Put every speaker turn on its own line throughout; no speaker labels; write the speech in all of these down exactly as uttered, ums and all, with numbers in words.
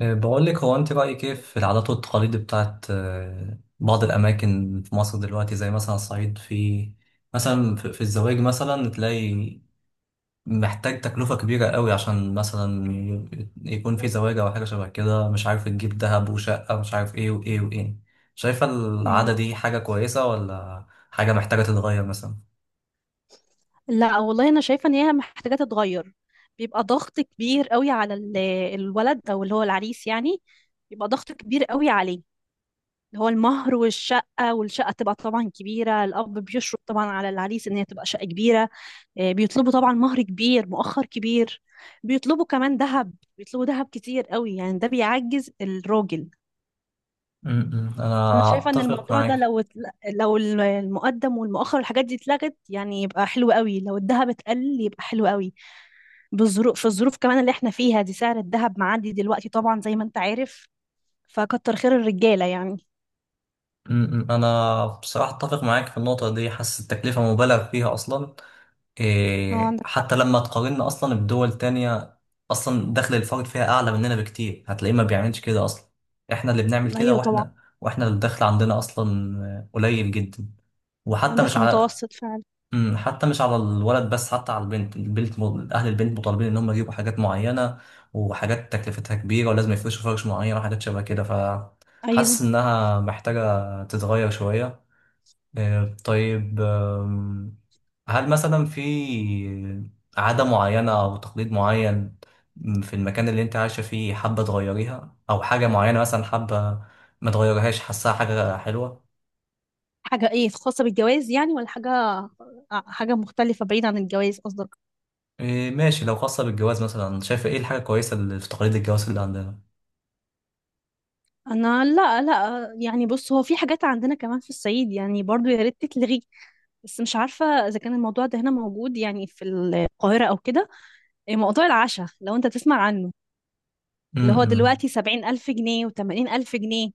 أه، بقول لك، هو انت رايك ايه في العادات والتقاليد بتاعت أه، بعض الاماكن في مصر دلوقتي زي مثلا الصعيد. في مثلا في في الزواج مثلا تلاقي محتاج تكلفه كبيره قوي عشان مثلا ي- يكون في زواج او حاجه شبه كده، مش عارف تجيب ذهب وشقه مش عارف ايه وايه وايه. شايفه
مم.
العاده دي حاجه كويسه ولا حاجه محتاجه تتغير مثلا؟
لا والله انا شايفه ان هي محتاجه تتغير. بيبقى ضغط كبير قوي على ال- الولد او اللي هو العريس يعني. بيبقى ضغط كبير قوي عليه، اللي هو المهر والشقه، والشقه تبقى طبعا كبيره، الاب بيشرط طبعا على العريس ان هي تبقى شقه كبيره. آه، بيطلبوا طبعا مهر كبير مؤخر كبير، بيطلبوا كمان ذهب، بيطلبوا ذهب كتير قوي يعني، ده بيعجز الراجل.
م- م،
فانا
انا
شايفه ان
اتفق
الموضوع ده
معاك.
لو اتل- لو المقدم والمؤخر والحاجات دي اتلغت يعني يبقى حلو قوي، لو الذهب اتقل يبقى حلو قوي. بظروف في الظروف كمان اللي احنا فيها دي سعر الذهب معدي دلوقتي طبعا زي ما انت عارف، فكتر خير الرجالة يعني.
م- م، انا بصراحه اتفق معاك في النقطه دي، حاسس التكلفه مبالغ فيها اصلا.
هو
إيه،
عندك حق.
حتى لما تقارنا اصلا بدول تانية، اصلا دخل الفرد فيها اعلى مننا بكتير، هتلاقيه ما بيعملش كده اصلا. احنا اللي بنعمل كده،
ايوه طبعا.
واحنا واحنا الدخل عندنا اصلا آه، قليل جدا. وحتى مش
دخل
على
متوسط فعلا.
مم، حتى مش على الولد، بس حتى على البنت البنت م- اهل البنت مطالبين ان هم يجيبوا حاجات معينة، وحاجات تكلفتها كبيرة ولازم يفرشوا فرش معين وحاجات شبه كده،
ايوه.
فحاسس انها محتاجة تتغير شوية. آه، طيب، آم، هل مثلا في عادة معينة أو تقليد معين في المكان اللي أنت عايشة فيه حابة تغيريها، أو حاجة معينة مثلا حابة ما تغيرهاش، حاساها حاجة حلوة؟
حاجة ايه؟ خاصة بالجواز يعني ولا حاجة؟ آه، حاجة مختلفة بعيد عن الجواز قصدك.
آه، ماشي، لو خاصة بالجواز، مثلا شايفة إيه الحاجة كويسة اللي في تقليد الجواز اللي عندنا؟
انا لا لا يعني، بص، هو في حاجات عندنا كمان في الصعيد يعني برضو يا ريت تتلغي، بس مش عارفة اذا كان الموضوع ده هنا موجود يعني في القاهرة او كده. إيه موضوع العشاء، لو انت تسمع عنه؟ اللي هو
م-
دلوقتي سبعين ألف جنيه وتمانين ألف جنيه،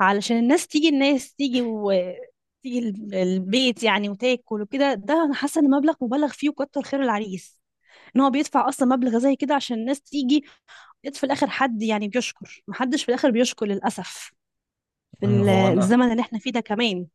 علشان الناس تيجي، الناس تيجي وتيجي ال- البيت يعني وتاكل وكده. ده أنا حاسة إن مبلغ مبالغ فيه، وكتر خير العريس إن هو بيدفع أصلا مبلغ زي كده عشان الناس تيجي، ويت في الآخر حد يعني بيشكر، محدش في الآخر بيشكر للأسف في
م.
ال-
هو أنا
الزمن اللي احنا فيه ده كمان.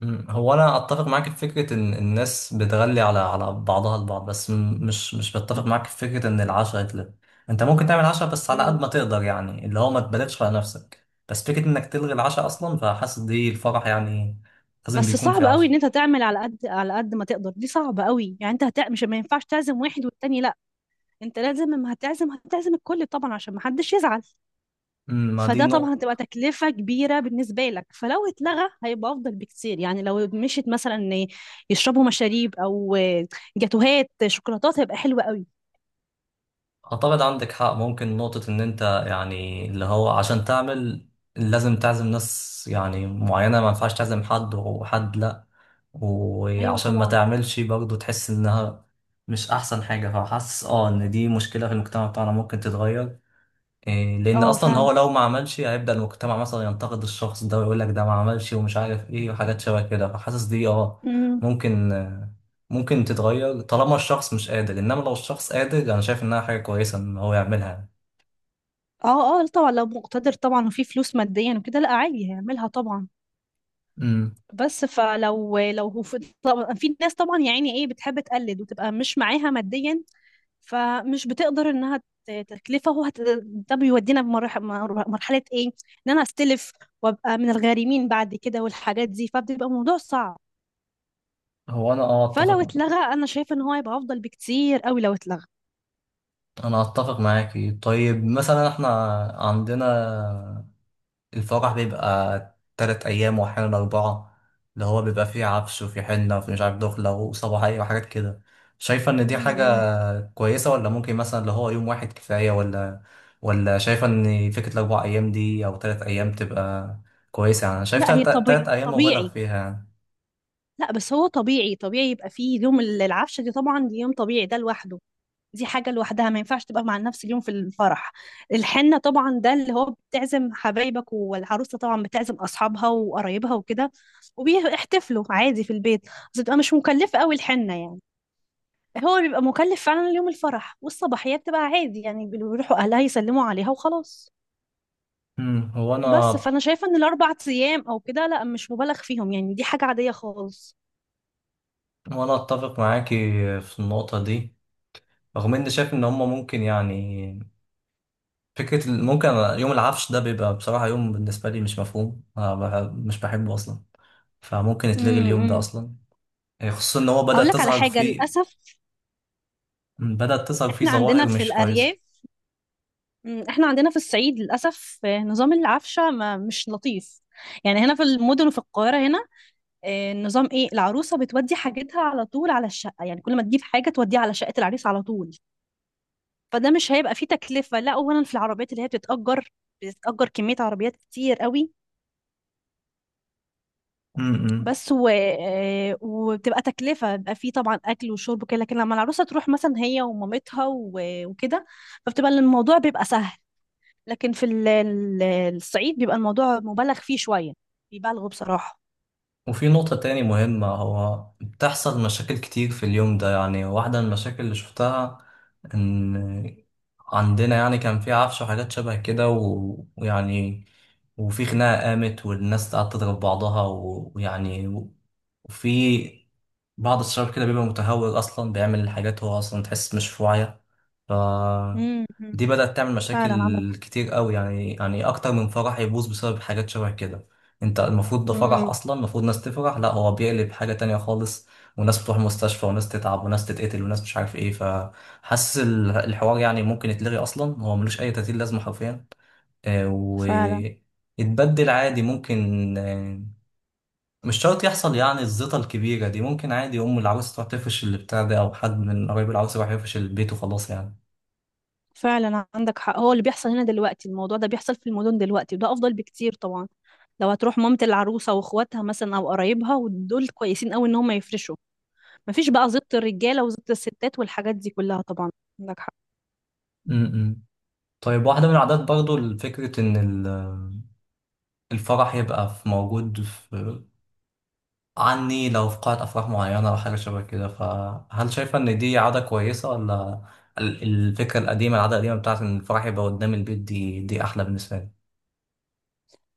مم. هو انا اتفق معاك في فكره ان الناس بتغلي على على بعضها البعض، بس م- مش مش بتفق
مم.
معاك في فكره ان العشاء يتلغي. انت ممكن تعمل عشاء بس على
مم.
قد ما تقدر، يعني اللي هو ما تبالغش على نفسك. بس فكره انك تلغي العشاء اصلا فحاسس دي الفرح يعني لازم
بس
بيكون في
صعب قوي ان
عشاء.
انت تعمل على قد على قد ما تقدر، دي صعبة قوي يعني، انت هت... مش، ما ينفعش تعزم واحد والتاني لا، انت لازم لما هتعزم هتعزم الكل طبعا عشان ما حدش يزعل.
مم، ما دي
فده طبعا
نقطه.
هتبقى تكلفة كبيرة بالنسبة لك، فلو اتلغى هيبقى أفضل بكتير، يعني لو مشيت مثلا إن يشربوا مشاريب أو جاتوهات شوكولاتات هيبقى حلو قوي.
أعتقد عندك حق. ممكن نقطة إن أنت يعني اللي هو عشان تعمل لازم تعزم ناس يعني معينة، ما ينفعش تعزم حد وحد لأ.
أيوة
وعشان ما
طبعا.
تعملش برضه تحس إنها مش أحسن حاجة. فحاسس أه إن دي مشكلة في المجتمع بتاعنا ممكن تتغير. إيه، لان
اه
اصلا هو
فعلا.
لو ما عملش هيبدا المجتمع مثلا ينتقد الشخص ده ويقول لك ده ما عملش ومش عارف ايه وحاجات شبه كده، فحاسس دي اه
امم.
ممكن آه، ممكن تتغير طالما الشخص مش قادر. انما لو الشخص قادر انا شايف انها حاجه كويسه ان هو يعملها.
اه اه طبعا لو مقتدر طبعا وفي فلوس ماديا وكده لا عادي هيعملها طبعا،
امم
بس فلو لو هو في طبعا في ناس طبعا يا عيني ايه بتحب تقلد وتبقى مش معاها ماديا، فمش بتقدر انها ت- تتلفه، هو هت... ده بيودينا بمرحله. مرحله ايه؟ ان انا استلف وابقى من الغارمين بعد كده والحاجات دي، فبتبقى موضوع صعب.
هو انا اه
فلو
اتفق.
اتلغى انا شايفه ان هو هيبقى افضل بكتير قوي لو اتلغى.
انا اتفق معاكي. طيب مثلا احنا عندنا الفرح بيبقى تلات ايام واحيانا اربعه، اللي هو بيبقى فيه عفش وفي حنه وفي مش عارف دخله وصباحيه وحاجات كده. شايفه ان دي
امم.
حاجه كويسة ولا ممكن مثلا اللي هو يوم واحد كفاية، ولا ولا شايفة إن فكرة الأربع أيام دي أو تلات أيام تبقى كويسة؟ يعني أنا شايف
لا هي
تلات, تلات
طبيعي
أيام مبالغ
طبيعي.
فيها يعني.
لا بس هو طبيعي طبيعي، يبقى فيه يوم ال- العفشه دي طبعا، دي يوم طبيعي ده لوحده، دي حاجة لوحدها ما ينفعش تبقى مع نفس اليوم في الفرح. الحنة طبعا ده اللي هو بتعزم حبايبك، والعروسة طبعا بتعزم أصحابها وقرايبها وكده، وبيحتفلوا عادي في البيت، بس بتبقى مش مكلفة أوي الحنة يعني. هو اللي بيبقى مكلف فعلا اليوم الفرح، والصباحية بتبقى عادي يعني بيروحوا أهلها يسلموا عليها وخلاص.
أمم، هو
بس
أنا
فأنا شايفة إن الأربع أيام أو كده لا مش مبالغ فيهم، يعني دي حاجة عادية خالص.
وأنا أتفق معاكي في النقطة دي، رغم إني شايف إن هما ممكن يعني فكرة ال- ممكن يوم العفش ده بيبقى بصراحة يوم بالنسبة لي مش مفهوم. أنا بح- مش بحبه أصلا، فممكن يتلغي اليوم ده
امم.
أصلا، خصوصا إن هو
اقول
بدأت
لك على
تظهر
حاجه،
فيه
للاسف
بدأت تظهر فيه
احنا عندنا
ظواهر
في
مش
الارياف.
كويسة.
مم، احنا عندنا في الصعيد للأسف. آه، نظام العفشة ما مش لطيف يعني، هنا في المدن وفي القاهرة هنا. آه، النظام ايه؟ العروسة بتودي حاجتها على طول على الشقة، يعني كل ما تجيب حاجة توديها على شقة العريس على طول، فده مش هيبقى فيه تكلفة. لا أولا في العربيات اللي هي بتتأجر، بتتأجر كمية عربيات كتير قوي.
أمم.
بس و... آه، وبتبقى تكلفة، بيبقى فيه طبعا أكل وشرب وكده، لكن لما العروسة تروح مثلا هي ومامتها و... وكده، فبتبقى الموضوع بيبقى سهل. لكن في ال- ال- الصعيد بيبقى الموضوع مبالغ فيه شوية، بيبالغوا بصراحة.
وفي نقطة تاني مهمة هو بتحصل مشاكل كتير في اليوم ده، يعني واحدة من المشاكل اللي شفتها إن عندنا يعني كان في عفش وحاجات شبه كده و- ويعني وفي خناقة قامت والناس قعدت تضرب بعضها و- ويعني و- وفي بعض الشباب كده بيبقى متهور أصلا بيعمل حاجات هو أصلا تحس مش في وعيه. ف
امم.
دي بدأت تعمل
فعلا
مشاكل
عندك.
كتير قوي يعني، يعني أكتر من فرح يبوظ بسبب حاجات شبه كده. انت المفروض ده فرح
امم.
اصلا، المفروض ناس تفرح، لا هو بيقلب حاجة تانية خالص. وناس بتروح مستشفى وناس تتعب وناس تتقتل وناس مش عارف ايه، فحاسس ال- الحوار يعني ممكن يتلغي اصلا، هو ملوش اي تأثير لازمة حرفيا. آه،
فعلا.
ويتبدل عادي ممكن. آه، مش شرط يحصل يعني الزيطة الكبيرة دي، ممكن عادي أم العروس تروح تفرش اللي بتاع ده، أو حد من قرايب العروس يروح يفرش البيت وخلاص يعني.
فعلا عندك حق، هو اللي بيحصل هنا دلوقتي الموضوع ده بيحصل في المدن دلوقتي وده أفضل بكتير طبعا. لو هتروح مامة العروسة واخواتها مثلا أو قرايبها ودول كويسين قوي إن هم يفرشوا، مفيش بقى زبط الرجالة وزبط الستات والحاجات دي كلها طبعا. عندك حق.
امم طيب، واحدة من العادات برضو فكرة إن ال- الفرح يبقى في موجود عني لو في قاعة أفراح معينة أو حاجة شبه كده. فهل شايفة إن دي عادة كويسة، ولا ال- الفكرة القديمة العادة القديمة بتاعت إن الفرح يبقى قدام البيت دي دي أحلى بالنسبة لي؟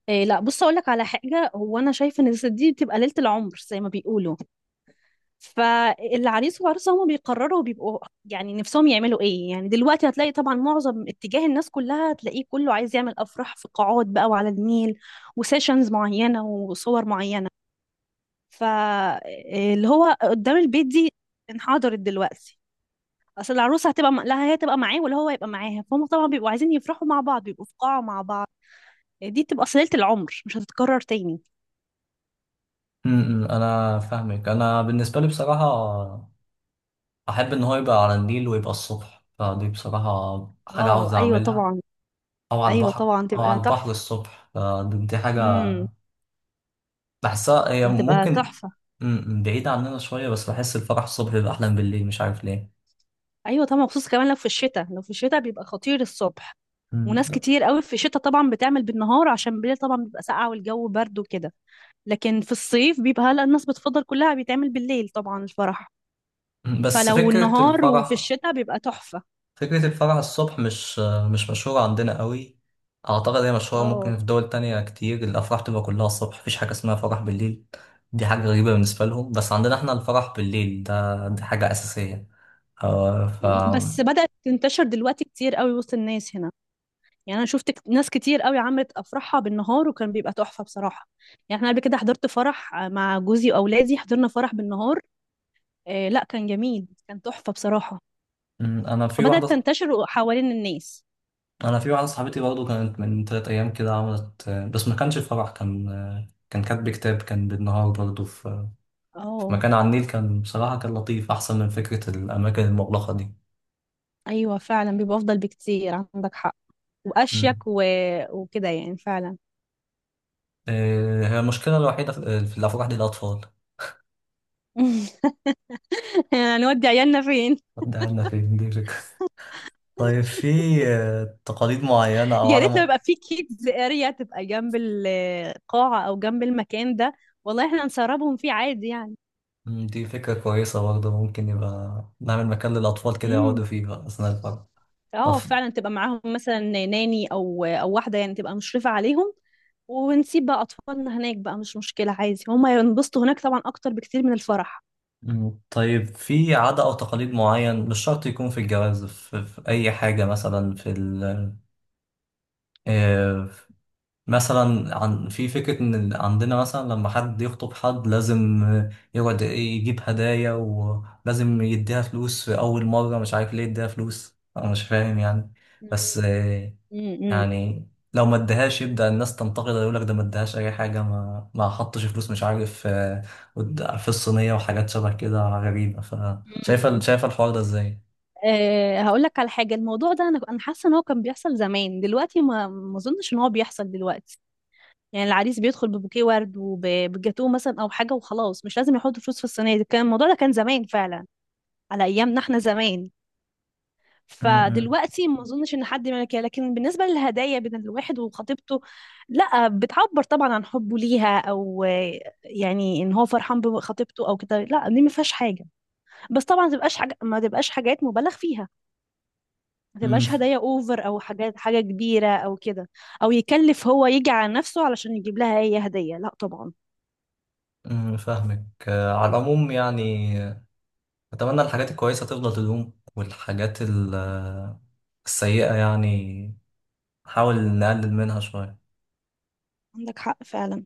إيه لا بص أقولك على حاجة، هو أنا شايفة إن دي بتبقى ليلة العمر زي ما بيقولوا، فالعريس والعروسة هما بيقرروا، بيبقوا يعني نفسهم يعملوا ايه. يعني دلوقتي هتلاقي طبعا معظم اتجاه الناس كلها، هتلاقيه كله عايز يعمل افراح في قاعات بقى وعلى النيل، وسيشنز معينة وصور معينة. فاللي هو قدام البيت دي انحدرت دلوقتي، اصل العروسة هتبقى م- لا هي تبقى معاه ولا هو يبقى معاها، فهم طبعا بيبقوا عايزين يفرحوا مع بعض، بيبقوا في قاعة مع بعض. دي بتبقى صلة العمر مش هتتكرر تاني.
م- م، أنا فاهمك. أنا بالنسبة لي بصراحة أحب إن هو يبقى على النيل ويبقى الصبح، فدي بصراحة حاجة
اه
عاوز
ايوه
أعملها.
طبعا.
أو على
ايوه
البحر،
طبعا
أو على
تبقى
البحر
تحفة.
الصبح، فدي دي حاجة
امم.
بحسها هي،
هتبقى
ممكن
تحفة.
م- م، بعيدة عننا شوية، بس بحس الفرح الصبح بيبقى أحلى من بالليل، مش عارف ليه.
ايوه طبعا، خصوصا كمان لو في الشتاء، لو في الشتاء بيبقى خطير الصبح،
م،
وناس كتير قوي في الشتاء طبعا بتعمل بالنهار عشان بالليل طبعا بيبقى ساقعه والجو برد وكده، لكن في الصيف بيبقى هلا الناس بتفضل كلها بيتعمل بالليل طبعا الفرح.
بس
فلو
فكرة
النهار وفي
الفرح
الشتاء بيبقى تحفة.
فكرة الفرح الصبح مش مش مشهورة عندنا قوي. أعتقد هي مشهورة
اه.
ممكن في دول تانية كتير، الأفراح تبقى كلها الصبح، مفيش حاجة اسمها فرح بالليل، دي حاجة غريبة بالنسبة لهم. بس عندنا احنا الفرح بالليل ده دي حاجة أساسية. آه، ف
م- بس بدأت تنتشر دلوقتي كتير قوي وسط الناس هنا، يعني انا شفت كت- ناس كتير قوي عملت افراحها بالنهار وكان بيبقى تحفة بصراحة. يعني احنا قبل كده حضرت فرح مع جوزي واولادي، حضرنا فرح بالنهار، آه لا كان جميل كان تحفة بصراحة.
م، أنا في
فبدأت
واحدة،
تنتشر حوالين الناس.
أنا في واحدة صاحبتي برضه كانت من تلات أيام كده عملت، بس ما كانش فرح، كان كان كاتب كتاب، كان بالنهار برضه في في
اه
مكان على النيل، كان بصراحة كان لطيف أحسن من فكرة الأماكن المغلقة دي.
ايوه فعلا بيبقى افضل بكتير عندك حق،
م.
واشيك و... وكده يعني فعلا.
آه، هي المشكلة الوحيدة في في الأفراح دي الأطفال.
هنودي عيالنا فين؟
طب ده عنا فين؟ دي فكرة طيب، في آه، تقاليد معينة أو
يا ريت لو
عدم.
يبقى في كيدز اريا تبقى جنب القاعة او جنب المكان ده، والله احنا نسربهم فيه عادي يعني.
مم، دي فكرة كويسة برضه، ممكن يبقى نعمل مكان للأطفال كده يقعدوا
امم.
فيه بقى أثناء الفرح. طب.
اه فعلا، تبقى معاهم مثلا ناني او او واحدة يعني تبقى مشرفة عليهم، ونسيب بقى اطفالنا هناك بقى، مش مشكلة عادي هما ينبسطوا هناك طبعا اكتر بكتير من الفرح.
مم، طيب، في عادة أو تقاليد معين مش شرط يكون في الجواز، في, في أي حاجة. مثلا في ال آه، مثلا عن في فكرة إن عندنا مثلا لما حد يخطب حد لازم يقعد إيه، يجيب هدايا، ولازم يديها فلوس في أول مرة. مش عارف ليه يديها فلوس، أنا مش فاهم يعني. بس آه،
امم.
يعني لو ما ادهاش يبدأ الناس تنتقد يقول لك ده ما ادهاش أي حاجة، ما ما حطش فلوس مش عارف آه، قد- في الصينية وحاجات شبه كده غريبة. فشايفة
مم.
شايفة الحوار ده إزاي؟
أه هقول لك على حاجه، الموضوع ده انا انا حاسه ان هو كان بيحصل زمان، دلوقتي ما ما اظنش ان هو بيحصل دلوقتي. يعني العريس بيدخل ببوكيه ورد وبجاتوه مثلا او حاجه وخلاص، مش لازم يحط فلوس في الصينيه، كان الموضوع ده كان زمان فعلا على ايامنا احنا زمان،
م- م-
فدلوقتي ما اظنش ان حد يعمل كده. لكن بالنسبه للهدايا بين الواحد وخطيبته، لا بتعبر طبعا عن حبه ليها او آه، يعني ان هو فرحان بخطيبته او كده، لا دي ما فيهاش حاجه، بس طبعا ما تبقاش حاجه ما تبقاش حاجات مبالغ فيها، ما
م-
تبقاش
ف-
هدايا اوفر او حاجات حاجه كبيره او كده، او يكلف هو يجي على نفسه علشان يجيب لها هي هديه، لا طبعا.
م- فاهمك. آه، على العموم يعني أتمنى الحاجات الكويسة تفضل تدوم، والحاجات ال- السيئة يعني نحاول نقلل منها شوية.
عندك حق فعلا.